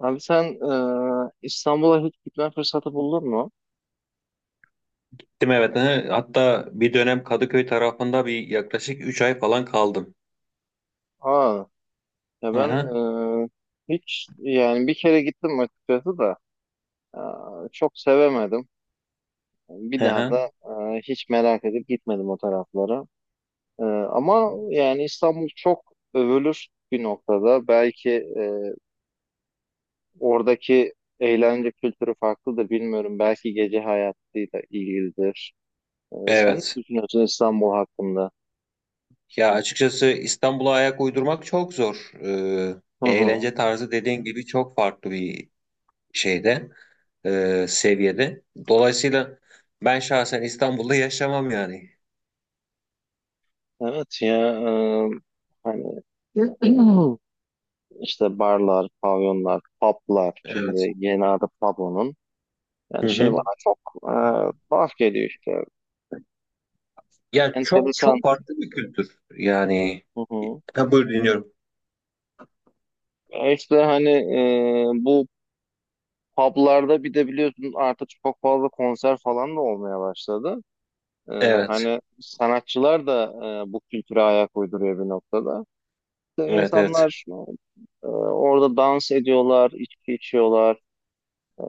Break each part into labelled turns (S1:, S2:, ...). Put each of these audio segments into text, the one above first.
S1: Abi sen İstanbul'a hiç gitme fırsatı buldun mu?
S2: Gittim evet. Hı. Hatta bir dönem Kadıköy tarafında bir yaklaşık 3 ay falan kaldım.
S1: Aa, ya
S2: Hı
S1: ben
S2: hı.
S1: e, hiç yani bir kere gittim açıkçası da e, çok sevemedim. Bir
S2: Hı
S1: daha
S2: hı.
S1: da hiç merak edip gitmedim o taraflara. Ama yani İstanbul çok övülür bir noktada. Belki e, oradaki eğlence kültürü farklıdır bilmiyorum. Belki gece hayatıyla ilgilidir. Sen ne
S2: Evet.
S1: düşünüyorsun İstanbul hakkında?
S2: Ya açıkçası İstanbul'a ayak uydurmak çok zor.
S1: Hı hı.
S2: Eğlence tarzı dediğin gibi çok farklı bir şeyde, seviyede. Dolayısıyla ben şahsen İstanbul'da yaşamam yani.
S1: Evet ya. Hani İşte barlar, pavyonlar, publar.
S2: Evet.
S1: Şimdi yeni adı pub.
S2: Hı
S1: Yani şey
S2: hı.
S1: bana çok tuhaf geliyor işte.
S2: Ya çok
S1: Enteresan.
S2: çok farklı bir kültür. Yani.
S1: Hı hı.
S2: Ha, buyur dinliyorum.
S1: İşte hani bu publarda bir de biliyorsun artık çok fazla konser falan da olmaya başladı. E,
S2: Evet.
S1: Hani sanatçılar da bu kültüre ayak uyduruyor bir noktada. İşte
S2: Evet evet.
S1: İnsanlar orada dans ediyorlar, içki içiyorlar. E,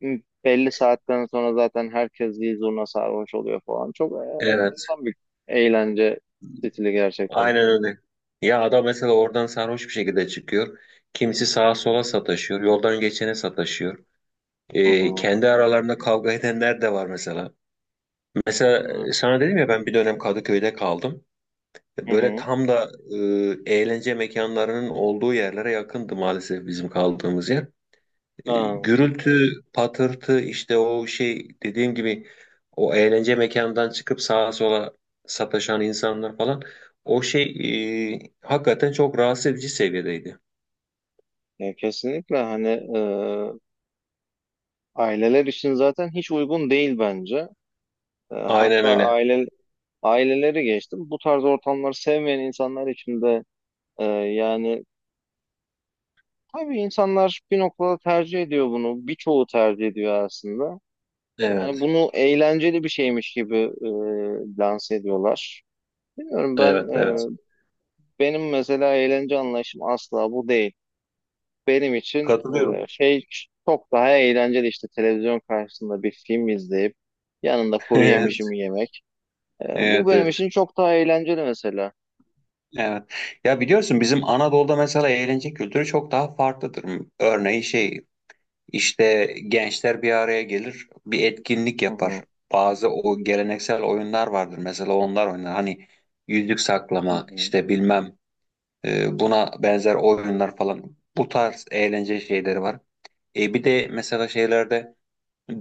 S1: Belli saatten sonra zaten herkes bir zurna sarhoş oluyor falan. Çok
S2: Evet.
S1: enteresan bir eğlence stili gerçekten.
S2: Aynen öyle. Ya adam mesela oradan sarhoş bir şekilde çıkıyor. Kimisi sağa
S1: Hı
S2: sola
S1: hı.
S2: sataşıyor. Yoldan geçene sataşıyor.
S1: Hı
S2: Kendi aralarında kavga edenler de var mesela. Mesela
S1: hı.
S2: sana dedim ya ben bir dönem Kadıköy'de kaldım.
S1: Hı
S2: Böyle
S1: hı.
S2: tam da eğlence mekanlarının olduğu yerlere yakındı maalesef bizim kaldığımız yer. E,
S1: Aa,
S2: gürültü, patırtı işte o şey dediğim gibi o eğlence mekanından çıkıp sağa sola sataşan insanlar falan o şey hakikaten çok rahatsız edici seviyedeydi.
S1: ya kesinlikle hani aileler için zaten hiç uygun değil bence.
S2: Aynen
S1: Hatta
S2: öyle.
S1: aile aileleri geçtim. Bu tarz ortamları sevmeyen insanlar için de yani tabii insanlar bir noktada tercih ediyor bunu. Birçoğu tercih ediyor aslında. Yani
S2: Evet,
S1: bunu eğlenceli bir şeymiş gibi lanse ediyorlar. Bilmiyorum ben,
S2: evet, evet.
S1: benim mesela eğlence anlayışım asla bu değil. Benim için
S2: Katılıyorum.
S1: şey çok daha eğlenceli, işte televizyon karşısında bir film izleyip yanında kuru
S2: Evet,
S1: yemişimi yemek. Bu
S2: evet,
S1: benim
S2: evet.
S1: için çok daha eğlenceli mesela.
S2: Evet. Ya biliyorsun bizim Anadolu'da mesela eğlence kültürü çok daha farklıdır. Örneğin şey İşte gençler bir araya gelir, bir etkinlik
S1: Hı
S2: yapar.
S1: hı,
S2: Bazı o geleneksel oyunlar vardır. Mesela onlar oynar. Hani yüzük
S1: hı
S2: saklama,
S1: hı.
S2: işte bilmem buna benzer oyunlar falan. Bu tarz eğlence şeyleri var. E bir de mesela şeylerde,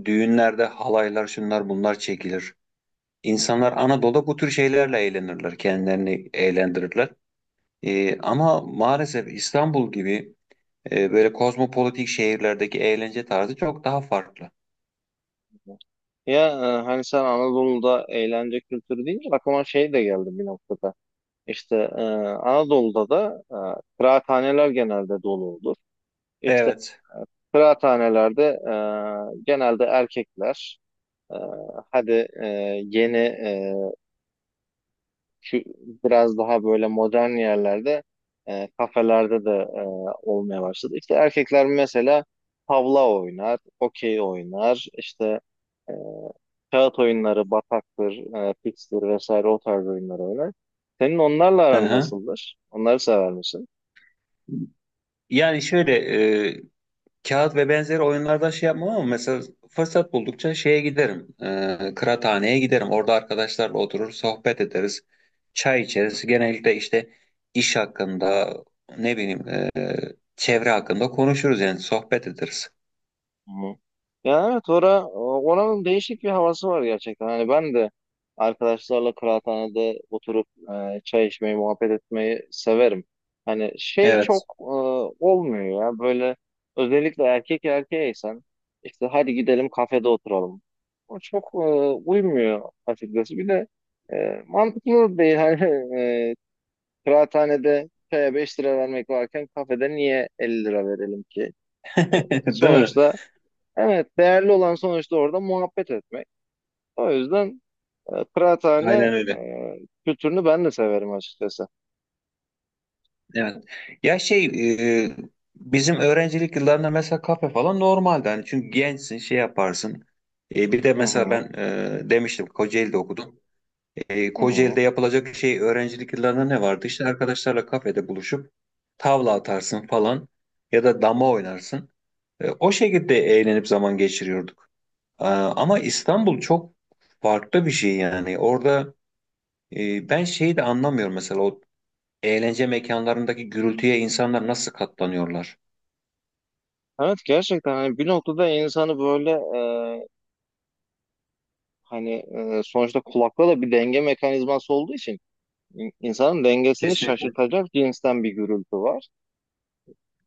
S2: düğünlerde halaylar, şunlar bunlar çekilir. İnsanlar Anadolu'da bu tür şeylerle eğlenirler, kendilerini eğlendirirler. E, ama maalesef İstanbul gibi böyle kozmopolitik şehirlerdeki eğlence tarzı çok daha farklı.
S1: Ya, hani sen Anadolu'da eğlence kültürü deyince aklıma şey de geldi bir noktada. İşte Anadolu'da da kıraathaneler genelde dolu olur. İşte
S2: Evet.
S1: e, kıraathanelerde genelde erkekler, e, hadi e, yeni e, kü- biraz daha böyle modern yerlerde, kafelerde de olmaya başladı. İşte erkekler mesela tavla oynar, okey oynar, işte e, kağıt oyunları, bataktır, pikstir vesaire, o tarz oyunları oynar. Senin onlarla
S2: Hı
S1: aran
S2: hı.
S1: nasıldır? Onları sever misin?
S2: Yani şöyle e, kağıt ve benzeri oyunlarda şey yapmam ama mesela fırsat buldukça şeye giderim. E, kıraathaneye giderim. Orada arkadaşlarla oturur sohbet ederiz. Çay içeriz. Genellikle işte iş hakkında ne bileyim çevre hakkında konuşuruz yani sohbet ederiz.
S1: Hı hı. Ya, evet, oranın değişik bir havası var gerçekten. Hani ben de arkadaşlarla kıraathanede oturup çay içmeyi, muhabbet etmeyi severim. Hani şey çok
S2: Evet.
S1: olmuyor ya, böyle özellikle erkek erkeğeysen işte hadi gidelim kafede oturalım. O çok uymuyor açıkçası. Bir de e, mantıklı değil. Hani e, kıraathanede çaya 5 lira vermek varken kafede niye 50 lira verelim ki?
S2: Değil mi?
S1: Sonuçta Evet, değerli olan sonuçta orada muhabbet etmek. O yüzden kıraathane
S2: Aynen öyle.
S1: kültürünü ben de severim açıkçası.
S2: Evet. Ya şey e, bizim öğrencilik yıllarında mesela kafe falan normaldi. Hani çünkü gençsin şey yaparsın. E, bir de
S1: Hı
S2: mesela
S1: hı,
S2: ben demiştim Kocaeli'de okudum. E,
S1: hı hı.
S2: Kocaeli'de yapılacak şey öğrencilik yıllarında ne vardı? İşte arkadaşlarla kafede buluşup tavla atarsın falan ya da dama oynarsın. E, o şekilde eğlenip zaman geçiriyorduk. E, ama İstanbul çok farklı bir şey yani. Orada ben şeyi de anlamıyorum mesela o eğlence mekanlarındaki gürültüye insanlar nasıl katlanıyorlar?
S1: Evet, gerçekten hani bir noktada insanı böyle, e, hani, sonuçta kulakla da bir denge mekanizması olduğu için insanın dengesini
S2: Kesinlikle.
S1: şaşırtacak cinsten bir gürültü var.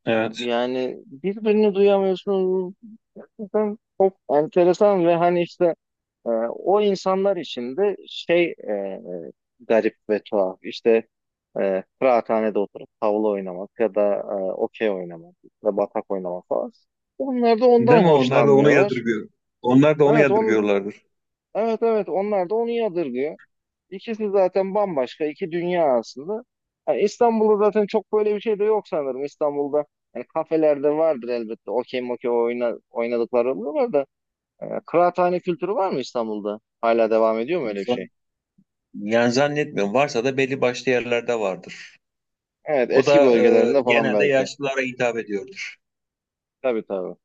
S2: Evet.
S1: Yani birbirini duyamıyorsunuz. Gerçekten çok enteresan ve hani işte o insanlar için de şey, garip ve tuhaf. İşte kıraathanede oturup tavla oynamak ya da okey oynamak ya da batak oynamak falan. Onlar da
S2: Değil mi?
S1: ondan
S2: Onlar da onu
S1: hoşlanmıyorlar.
S2: yadırgıyor. Onlar da onu
S1: Evet,
S2: yadırgıyorlardır.
S1: evet, evet, onlar da onu yadırgıyor. İkisi zaten bambaşka iki dünya aslında. Yani İstanbul'da zaten çok böyle bir şey de yok sanırım. İstanbul'da yani kafelerde vardır elbette. Okey mokey oynadıkları oluyorlar da. Kıraathane kültürü var mı İstanbul'da? Hala devam ediyor mu öyle bir şey?
S2: Zan- Yani zannetmiyorum. Varsa da belli başlı yerlerde vardır.
S1: Evet,
S2: O
S1: eski
S2: da
S1: bölgelerinde falan
S2: genelde
S1: belki.
S2: yaşlılara hitap ediyordur.
S1: Tabii, tabii.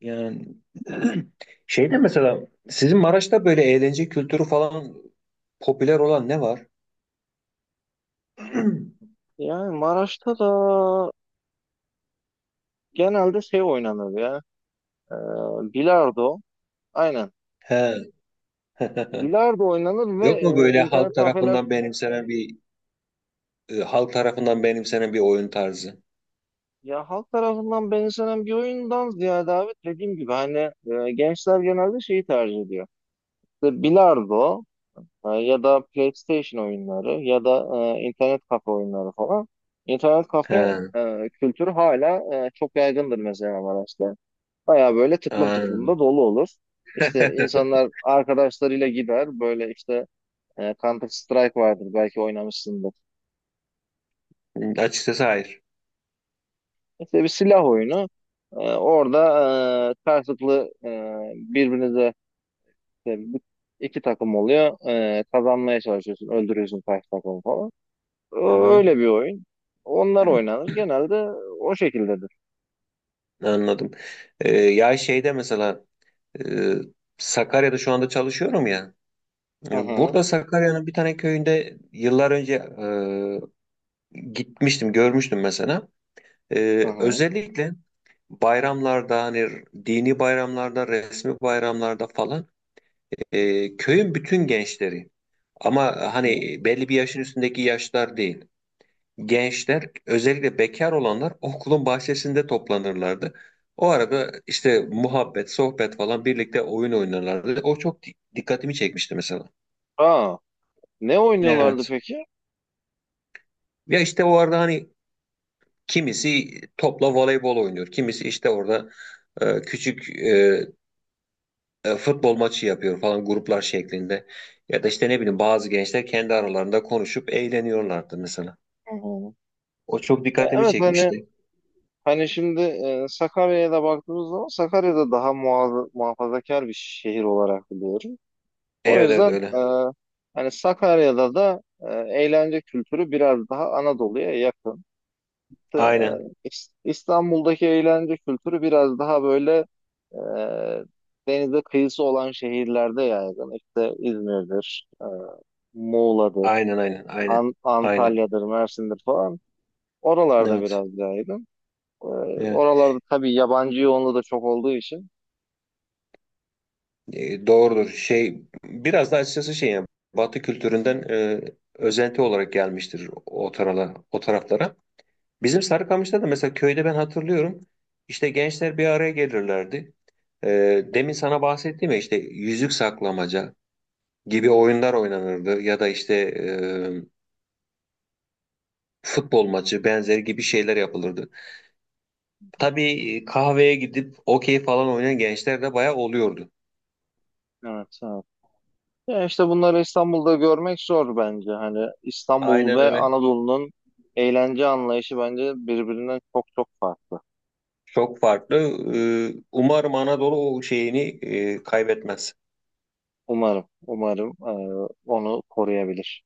S2: Yani şey de mesela sizin Maraş'ta böyle eğlence kültürü falan popüler olan ne var?
S1: Yani Maraş'ta da genelde şey oynanır ya. e, Bilardo. Aynen.
S2: He.
S1: Bilardo oynanır ve
S2: Yok mu böyle
S1: internet
S2: halk
S1: kafeler.
S2: tarafından benimsenen bir oyun tarzı?
S1: Ya, halk tarafından benimsenen bir oyundan ziyade abi dediğim gibi hani gençler genelde şeyi tercih ediyor. İşte bilardo, ya da PlayStation oyunları ya da internet kafe oyunları falan. İnternet kafe
S2: He.
S1: kültürü hala çok yaygındır mesela Maraş'ta. Baya böyle tıklım
S2: Aa,
S1: tıklım da dolu olur. İşte insanlar arkadaşlarıyla gider, böyle işte. Counter Strike vardır, belki oynamışsındır.
S2: açıkçası hayır.
S1: İşte bir silah oyunu. Orada karşılıklı, birbirinize işte, iki takım oluyor. Kazanmaya çalışıyorsun. Öldürüyorsun karşı takımı falan. Ö-
S2: Aha,
S1: Öyle bir oyun. Onlar oynanır. Genelde o şekildedir.
S2: anladım. Ya şeyde mesela e, Sakarya'da şu anda çalışıyorum ya.
S1: Hı
S2: E,
S1: hı.
S2: burada Sakarya'nın bir tane köyünde yıllar önce gitmiştim, görmüştüm mesela. E,
S1: Hı hı.
S2: özellikle bayramlarda hani dini bayramlarda, resmi bayramlarda falan köyün bütün gençleri ama
S1: Hı hı.
S2: hani belli bir yaşın üstündeki yaşlar değil. Gençler özellikle bekar olanlar okulun bahçesinde toplanırlardı. O arada işte muhabbet, sohbet falan birlikte oyun oynarlardı. O çok dikkatimi çekmişti mesela.
S1: Aa, ne oynuyorlardı
S2: Evet.
S1: peki?
S2: Ya işte o arada hani kimisi topla voleybol oynuyor. Kimisi işte orada küçük futbol maçı yapıyor falan gruplar şeklinde. Ya da işte ne bileyim bazı gençler kendi aralarında konuşup eğleniyorlardı mesela.
S1: Hı hı.
S2: O çok
S1: Ya
S2: dikkatimi
S1: evet,
S2: çekmişti.
S1: hani şimdi Sakarya'ya da baktığımız zaman, Sakarya'da daha muhafazakar bir şehir olarak biliyorum. O
S2: Evet evet
S1: yüzden
S2: öyle.
S1: hani Sakarya'da da eğlence kültürü biraz daha Anadolu'ya yakın. E,
S2: Aynen.
S1: İstanbul'daki eğlence kültürü biraz daha böyle, e, denize kıyısı olan şehirlerde yaygın. İşte İzmir'dir, Muğla'dır,
S2: Aynen aynen aynen. Aynen.
S1: Antalya'dır, Mersin'dir falan. Oralarda
S2: Evet,
S1: biraz yaygın. E,
S2: evet.
S1: Oralarda tabii yabancı yoğunluğu da çok olduğu için.
S2: E, doğrudur. Şey biraz da açıkçası şey yani Batı kültüründen özenti olarak gelmiştir o o taraflara. Bizim Sarıkamış'ta da mesela köyde ben hatırlıyorum. İşte gençler bir araya gelirlerdi. E, demin sana bahsettiğim ya işte yüzük saklamaca gibi oyunlar oynanırdı ya da işte futbol maçı benzeri gibi şeyler yapılırdı. Tabii kahveye gidip okey falan oynayan gençler de bayağı oluyordu.
S1: Evet, ya işte bunları İstanbul'da görmek zor bence. Hani İstanbul
S2: Aynen
S1: ve
S2: öyle.
S1: Anadolu'nun eğlence anlayışı bence birbirinden çok çok farklı.
S2: Çok farklı. Umarım Anadolu o şeyini kaybetmez.
S1: Umarım, umarım onu koruyabilir.